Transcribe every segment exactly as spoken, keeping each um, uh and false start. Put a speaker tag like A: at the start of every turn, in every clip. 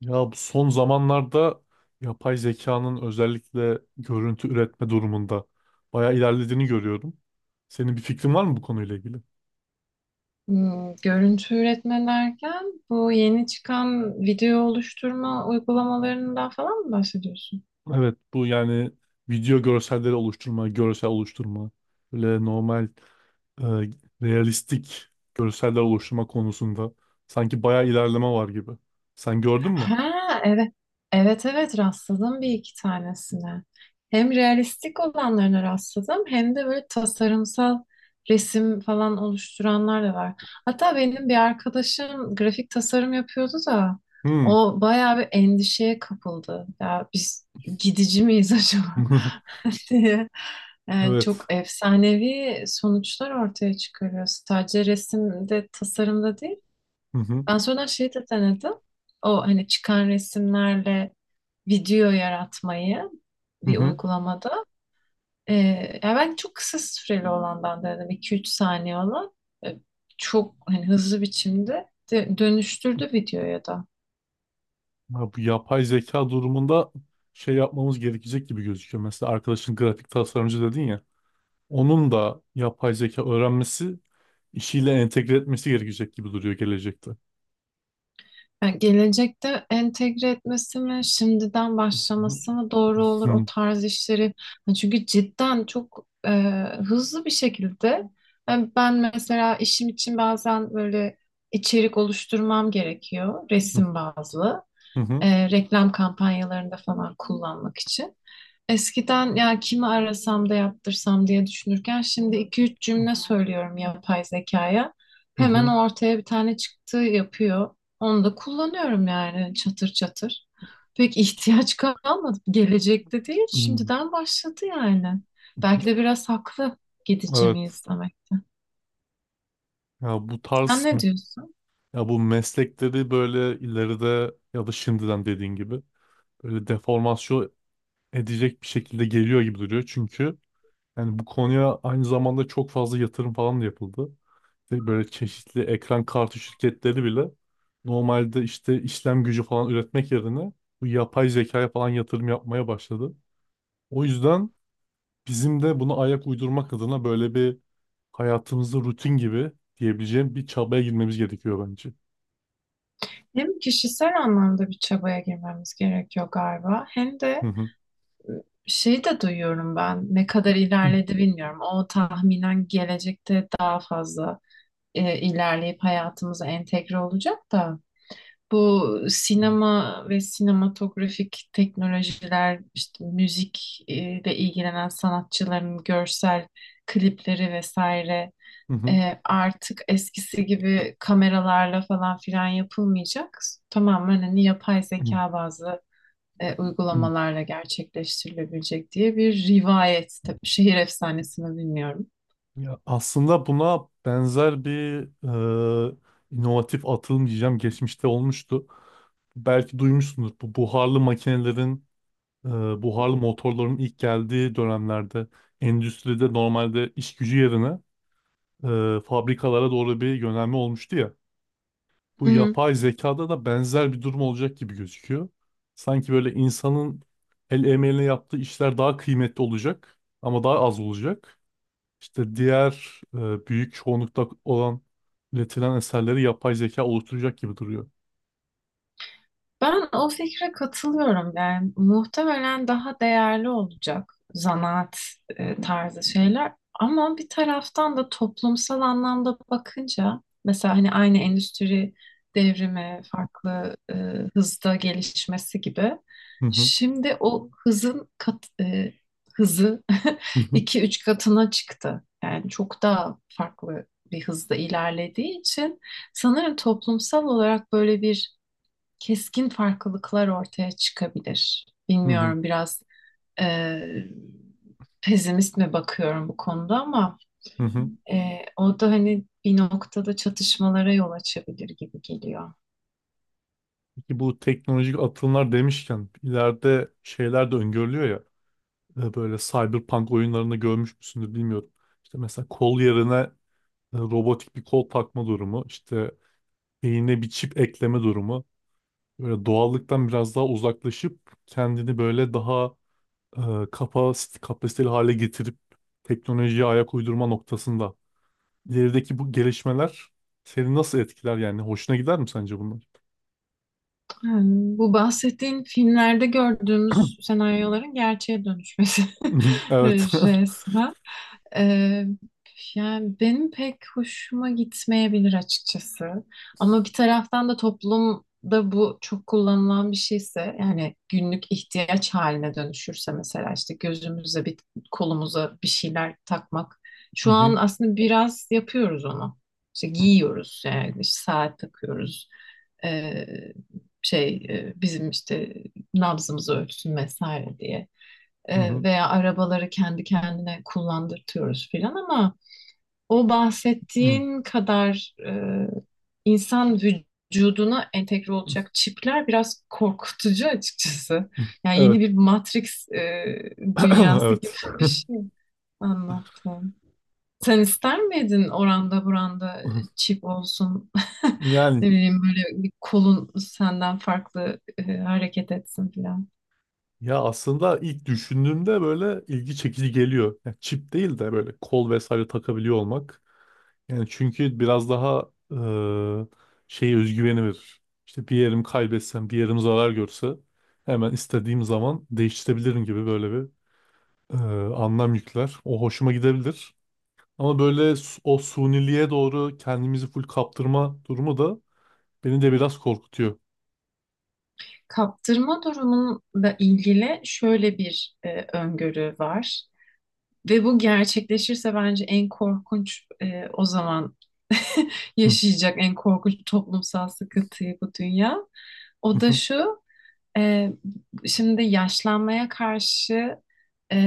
A: Ya bu son zamanlarda yapay zekanın özellikle görüntü üretme durumunda bayağı ilerlediğini görüyorum. Senin bir fikrin var mı bu konuyla ilgili?
B: Hmm, görüntü üretme derken bu yeni çıkan video oluşturma uygulamalarından falan mı bahsediyorsun?
A: Evet, bu yani video görselleri oluşturma, görsel oluşturma, böyle normal e, realistik görseller oluşturma konusunda sanki bayağı ilerleme var gibi. Sen gördün mü?
B: Ha, evet. Evet, evet, rastladım bir iki tanesine. Hem realistik olanlarına rastladım hem de böyle tasarımsal resim falan oluşturanlar da var. Hatta benim bir arkadaşım grafik tasarım yapıyordu da
A: Hmm.
B: o bayağı bir endişeye kapıldı. Ya biz gidici miyiz acaba? diye, yani
A: Evet.
B: çok efsanevi sonuçlar ortaya çıkarıyor. Sadece resimde, tasarımda değil.
A: Hı hı.
B: Ben sonradan şeyi de denedim. O hani çıkan resimlerle video yaratmayı
A: Hı
B: bir
A: hı.
B: uygulamada. Ee, Ya ben çok kısa süreli olandan denedim. İki üç saniye olan. Ee, Çok hani hızlı biçimde de- dönüştürdü videoya da.
A: Ya bu yapay zeka durumunda şey yapmamız gerekecek gibi gözüküyor. Mesela arkadaşın grafik tasarımcı dedin ya. Onun da yapay zeka öğrenmesi işiyle entegre etmesi gerekecek gibi duruyor gelecekte.
B: Yani gelecekte entegre etmesi mi, şimdiden
A: Hı
B: başlaması mı doğru olur o
A: hı,
B: tarz işleri? Yani çünkü cidden çok e, hızlı bir şekilde. Yani ben mesela işim için bazen böyle içerik oluşturmam gerekiyor,
A: hı
B: resim bazlı
A: hı,
B: e, reklam kampanyalarında falan kullanmak için. Eskiden ya kimi arasam da yaptırsam diye düşünürken şimdi iki üç cümle söylüyorum yapay zekaya. Hemen
A: hı
B: ortaya bir tane çıktı yapıyor. Onu da kullanıyorum yani çatır çatır. Pek ihtiyaç kalmadı. Gelecekte değil,
A: hı.
B: şimdiden başladı yani. Belki de biraz haklı gidici
A: Evet.
B: miyiz demek.
A: Ya bu
B: Sen
A: tarz
B: ne
A: mı?
B: diyorsun?
A: Ya bu meslekleri böyle ileride ya da şimdiden dediğin gibi böyle deformasyon edecek bir şekilde geliyor gibi duruyor. Çünkü yani bu konuya aynı zamanda çok fazla yatırım falan da yapıldı. İşte böyle çeşitli ekran kartı şirketleri bile normalde işte işlem gücü falan üretmek yerine bu yapay zekaya falan yatırım yapmaya başladı. O yüzden bizim de buna ayak uydurmak adına böyle bir hayatımızda rutin gibi diyebileceğim bir çabaya girmemiz gerekiyor bence.
B: Hem kişisel anlamda bir çabaya girmemiz gerekiyor galiba, hem
A: Hı
B: de
A: hı.
B: şeyi de duyuyorum ben. Ne kadar ilerledi bilmiyorum. O tahminen gelecekte daha fazla e, ilerleyip hayatımıza entegre olacak da. Bu sinema ve sinematografik teknolojiler, işte müzikle ilgilenen sanatçıların görsel klipleri vesaire
A: Hı hı.
B: e, artık eskisi gibi kameralarla falan filan yapılmayacak. Tamamen hani yapay
A: Hı
B: zeka bazlı e,
A: hı.
B: uygulamalarla gerçekleştirilebilecek diye bir rivayet. Tabii şehir efsanesini bilmiyorum.
A: Ya aslında buna benzer bir e, inovatif atılım diyeceğim geçmişte olmuştu. Belki duymuşsundur, bu buharlı makinelerin e, buharlı motorların ilk geldiği dönemlerde endüstride normalde iş gücü yerine e, fabrikalara doğru bir yönelme olmuştu ya. Bu
B: Hı hı.
A: yapay zekada da benzer bir durum olacak gibi gözüküyor. Sanki böyle insanın el emeğiyle yaptığı işler daha kıymetli olacak ama daha az olacak. İşte diğer e, büyük çoğunlukta olan üretilen eserleri yapay zeka oluşturacak gibi duruyor.
B: Ben o fikre katılıyorum. Yani muhtemelen daha değerli olacak zanaat e, tarzı şeyler. Ama bir taraftan da toplumsal anlamda bakınca mesela hani aynı endüstri devrimi farklı e, hızda gelişmesi gibi
A: Hı hı.
B: şimdi o hızın kat, e, hızı
A: Hı hı.
B: iki üç katına çıktı. Yani çok daha farklı bir hızda ilerlediği için sanırım toplumsal olarak böyle bir keskin farklılıklar ortaya çıkabilir.
A: Hı hı.
B: Bilmiyorum biraz e, pesimist mi bakıyorum bu konuda ama
A: Hı hı.
B: e, o da hani bir noktada çatışmalara yol açabilir gibi geliyor.
A: Ki bu teknolojik atılımlar demişken ileride şeyler de öngörülüyor ya, e, böyle cyberpunk oyunlarında görmüş müsündür bilmiyorum. İşte mesela kol yerine e, robotik bir kol takma durumu, işte beynine bir çip ekleme durumu. Böyle doğallıktan biraz daha uzaklaşıp kendini böyle daha e, kapas kapasiteli hale getirip teknolojiye ayak uydurma noktasında. İlerideki bu gelişmeler seni nasıl etkiler yani? Hoşuna gider mi sence bunlar?
B: Ha, bu bahsettiğin filmlerde gördüğümüz senaryoların gerçeğe dönüşmesi
A: Evet.
B: resmen. Ee, Yani benim pek hoşuma gitmeyebilir açıkçası. Ama bir taraftan da toplumda bu çok kullanılan bir şeyse yani günlük ihtiyaç haline dönüşürse mesela işte gözümüze bir kolumuza bir şeyler takmak.
A: Hı
B: Şu an
A: hı.
B: aslında biraz yapıyoruz onu. İşte giyiyoruz yani işte saat takıyoruz. Ee, Şey e, bizim işte nabzımızı ölçsün vesaire diye
A: Hı
B: e,
A: hı.
B: veya arabaları kendi kendine kullandırtıyoruz filan ama o
A: Hı.
B: bahsettiğin kadar e, insan vücuduna entegre olacak çipler biraz korkutucu açıkçası. Yani yeni
A: Evet.
B: bir Matrix e, dünyası gibi
A: Evet.
B: bir şey anlattım. Sen ister miydin oranda buranda çip olsun?
A: Yani
B: Ne bileyim böyle bir kolun senden farklı e, hareket etsin filan.
A: ya aslında ilk düşündüğümde böyle ilgi çekici geliyor. Yani çip değil de böyle kol vesaire takabiliyor olmak. Yani çünkü biraz daha eee şey özgüveni verir. İşte bir yerim kaybetsem, bir yerim zarar görse hemen istediğim zaman değiştirebilirim gibi böyle bir eee, anlam yükler. O hoşuma gidebilir. Ama böyle su- o suniliğe doğru kendimizi full kaptırma durumu da beni de biraz korkutuyor.
B: Kaptırma durumunla ilgili şöyle bir e, öngörü var ve bu gerçekleşirse bence en korkunç e, o zaman yaşayacak en korkunç toplumsal sıkıntıyı bu dünya.
A: Hı
B: O da
A: hı,
B: şu, e, şimdi yaşlanmaya karşı e,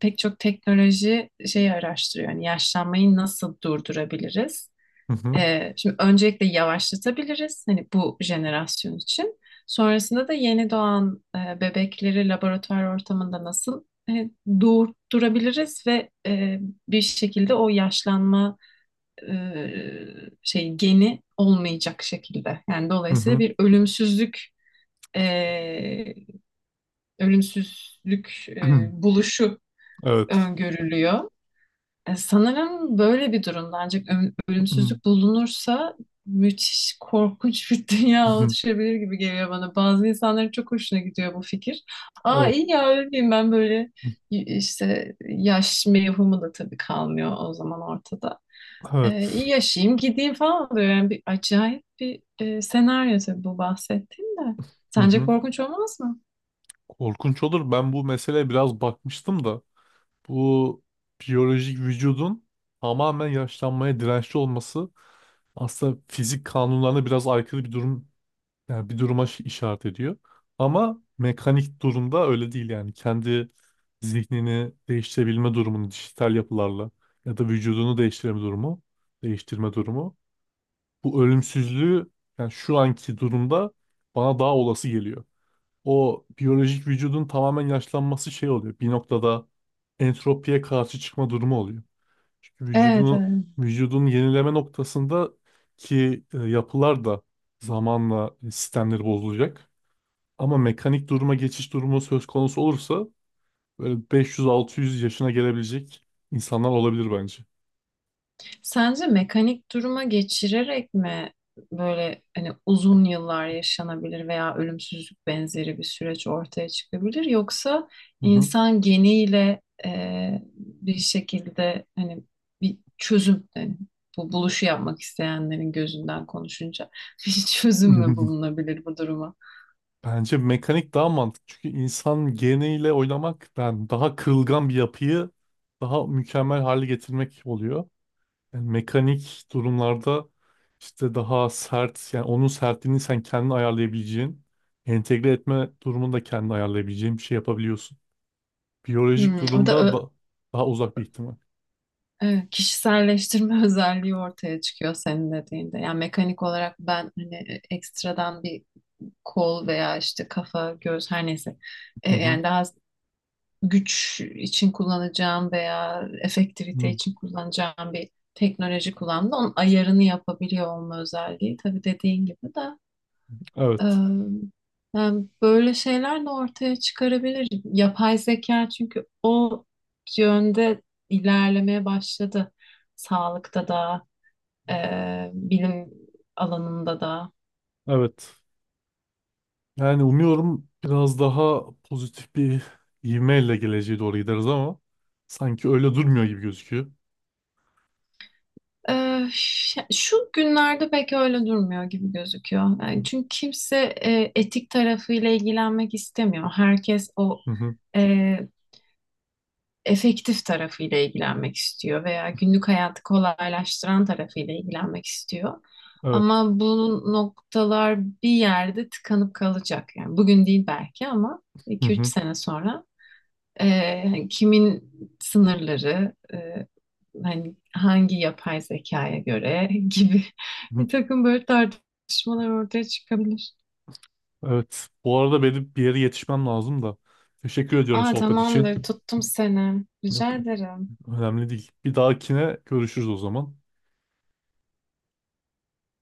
B: pek çok teknoloji şeyi araştırıyor. Yani yaşlanmayı nasıl durdurabiliriz?
A: hı hı,
B: Ee, şimdi öncelikle yavaşlatabiliriz hani bu jenerasyon için. Sonrasında da yeni doğan e, bebekleri laboratuvar ortamında nasıl e, doğurtturabiliriz ve e, bir şekilde o yaşlanma e, şey geni olmayacak şekilde. Yani
A: hı
B: dolayısıyla
A: hı.
B: bir ölümsüzlük e, ölümsüzlük e, buluşu
A: Evet.
B: öngörülüyor. E, Sanırım böyle bir durumda ancak ö-
A: Hı hı,
B: ölümsüzlük bulunursa müthiş korkunç bir dünya
A: hı hı.
B: oluşabilir gibi geliyor bana. Bazı insanların çok hoşuna gidiyor bu fikir. Aa
A: Evet.
B: iyi ya ölmeyeyim ben böyle y- işte yaş mevhumu da tabii kalmıyor o zaman ortada. E,
A: Evet.
B: iyi yaşayayım gideyim falan oluyor. Yani bir acayip bir e, senaryo tabii bu bahsettiğim de.
A: Hı
B: Sence
A: hı.
B: korkunç olmaz mı?
A: Korkunç olur. Ben bu meseleye biraz bakmıştım da, bu biyolojik vücudun tamamen yaşlanmaya dirençli olması aslında fizik kanunlarına biraz aykırı bir durum, yani bir duruma şi- işaret ediyor. Ama mekanik durumda öyle değil yani. Kendi zihnini değiştirebilme durumunu dijital yapılarla ya da vücudunu değiştirme durumu, değiştirme durumu bu ölümsüzlüğü yani şu anki durumda bana daha olası geliyor. O biyolojik vücudun tamamen yaşlanması şey oluyor. Bir noktada entropiye karşı çıkma durumu oluyor. Çünkü
B: Evet,
A: vücudunu
B: evet.
A: vücudun yenileme noktasında ki e, yapılar da zamanla sistemleri bozulacak. Ama mekanik duruma geçiş durumu söz konusu olursa böyle beş yüz altı yüz yaşına gelebilecek insanlar olabilir bence.
B: Sence mekanik duruma geçirerek mi böyle hani uzun yıllar yaşanabilir veya ölümsüzlük benzeri bir süreç ortaya çıkabilir yoksa
A: Hı hı.
B: insan geniyle e, bir şekilde hani bir çözüm yani bu buluşu yapmak isteyenlerin gözünden konuşunca bir çözüm mü bulunabilir bu duruma?
A: Bence mekanik daha mantıklı. Çünkü insan geniyle oynamak yani daha kırılgan bir yapıyı daha mükemmel hale getirmek oluyor. Yani mekanik durumlarda işte daha sert, yani onun sertliğini sen kendin ayarlayabileceğin, entegre etme durumunu da kendin ayarlayabileceğin bir şey yapabiliyorsun. Biyolojik
B: Hmm, o da
A: durumda
B: ö-
A: da daha uzak bir ihtimal.
B: evet, kişiselleştirme özelliği ortaya çıkıyor senin dediğinde. Yani mekanik olarak ben hani ekstradan bir kol veya işte kafa, göz her neyse. E,
A: Hı hı.
B: yani daha güç için kullanacağım veya efektivite
A: Hı.
B: için kullanacağım bir teknoloji kullandı. Onun ayarını yapabiliyor olma özelliği. Tabii dediğin gibi de
A: Evet.
B: e, yani böyle şeyler de ortaya çıkarabilir. Yapay zeka çünkü o yönde ilerlemeye başladı. Sağlıkta da, e, bilim alanında da.
A: Evet. Yani umuyorum biraz daha pozitif bir ivmeyle geleceğe doğru gideriz ama sanki öyle durmuyor gibi gözüküyor.
B: Ee, ş- şu günlerde pek öyle durmuyor gibi gözüküyor. Yani çünkü kimse e, etik tarafıyla ilgilenmek istemiyor. Herkes o
A: Hı hı.
B: e, efektif tarafıyla ilgilenmek istiyor veya günlük hayatı kolaylaştıran tarafıyla ilgilenmek istiyor.
A: Evet.
B: Ama bu noktalar bir yerde tıkanıp kalacak. Yani bugün değil belki ama
A: Hı
B: iki üç
A: hı.
B: sene sonra ee, hani kimin sınırları, e, hani hangi yapay zekaya göre gibi
A: Hı.
B: bir takım böyle tartışmalar ortaya çıkabilir.
A: Evet. Bu arada benim bir yere yetişmem lazım da. Teşekkür ediyorum
B: Aa
A: sohbet için.
B: tamamdır, tuttum seni.
A: Yok,
B: Rica ederim.
A: önemli değil. Bir dahakine görüşürüz o zaman.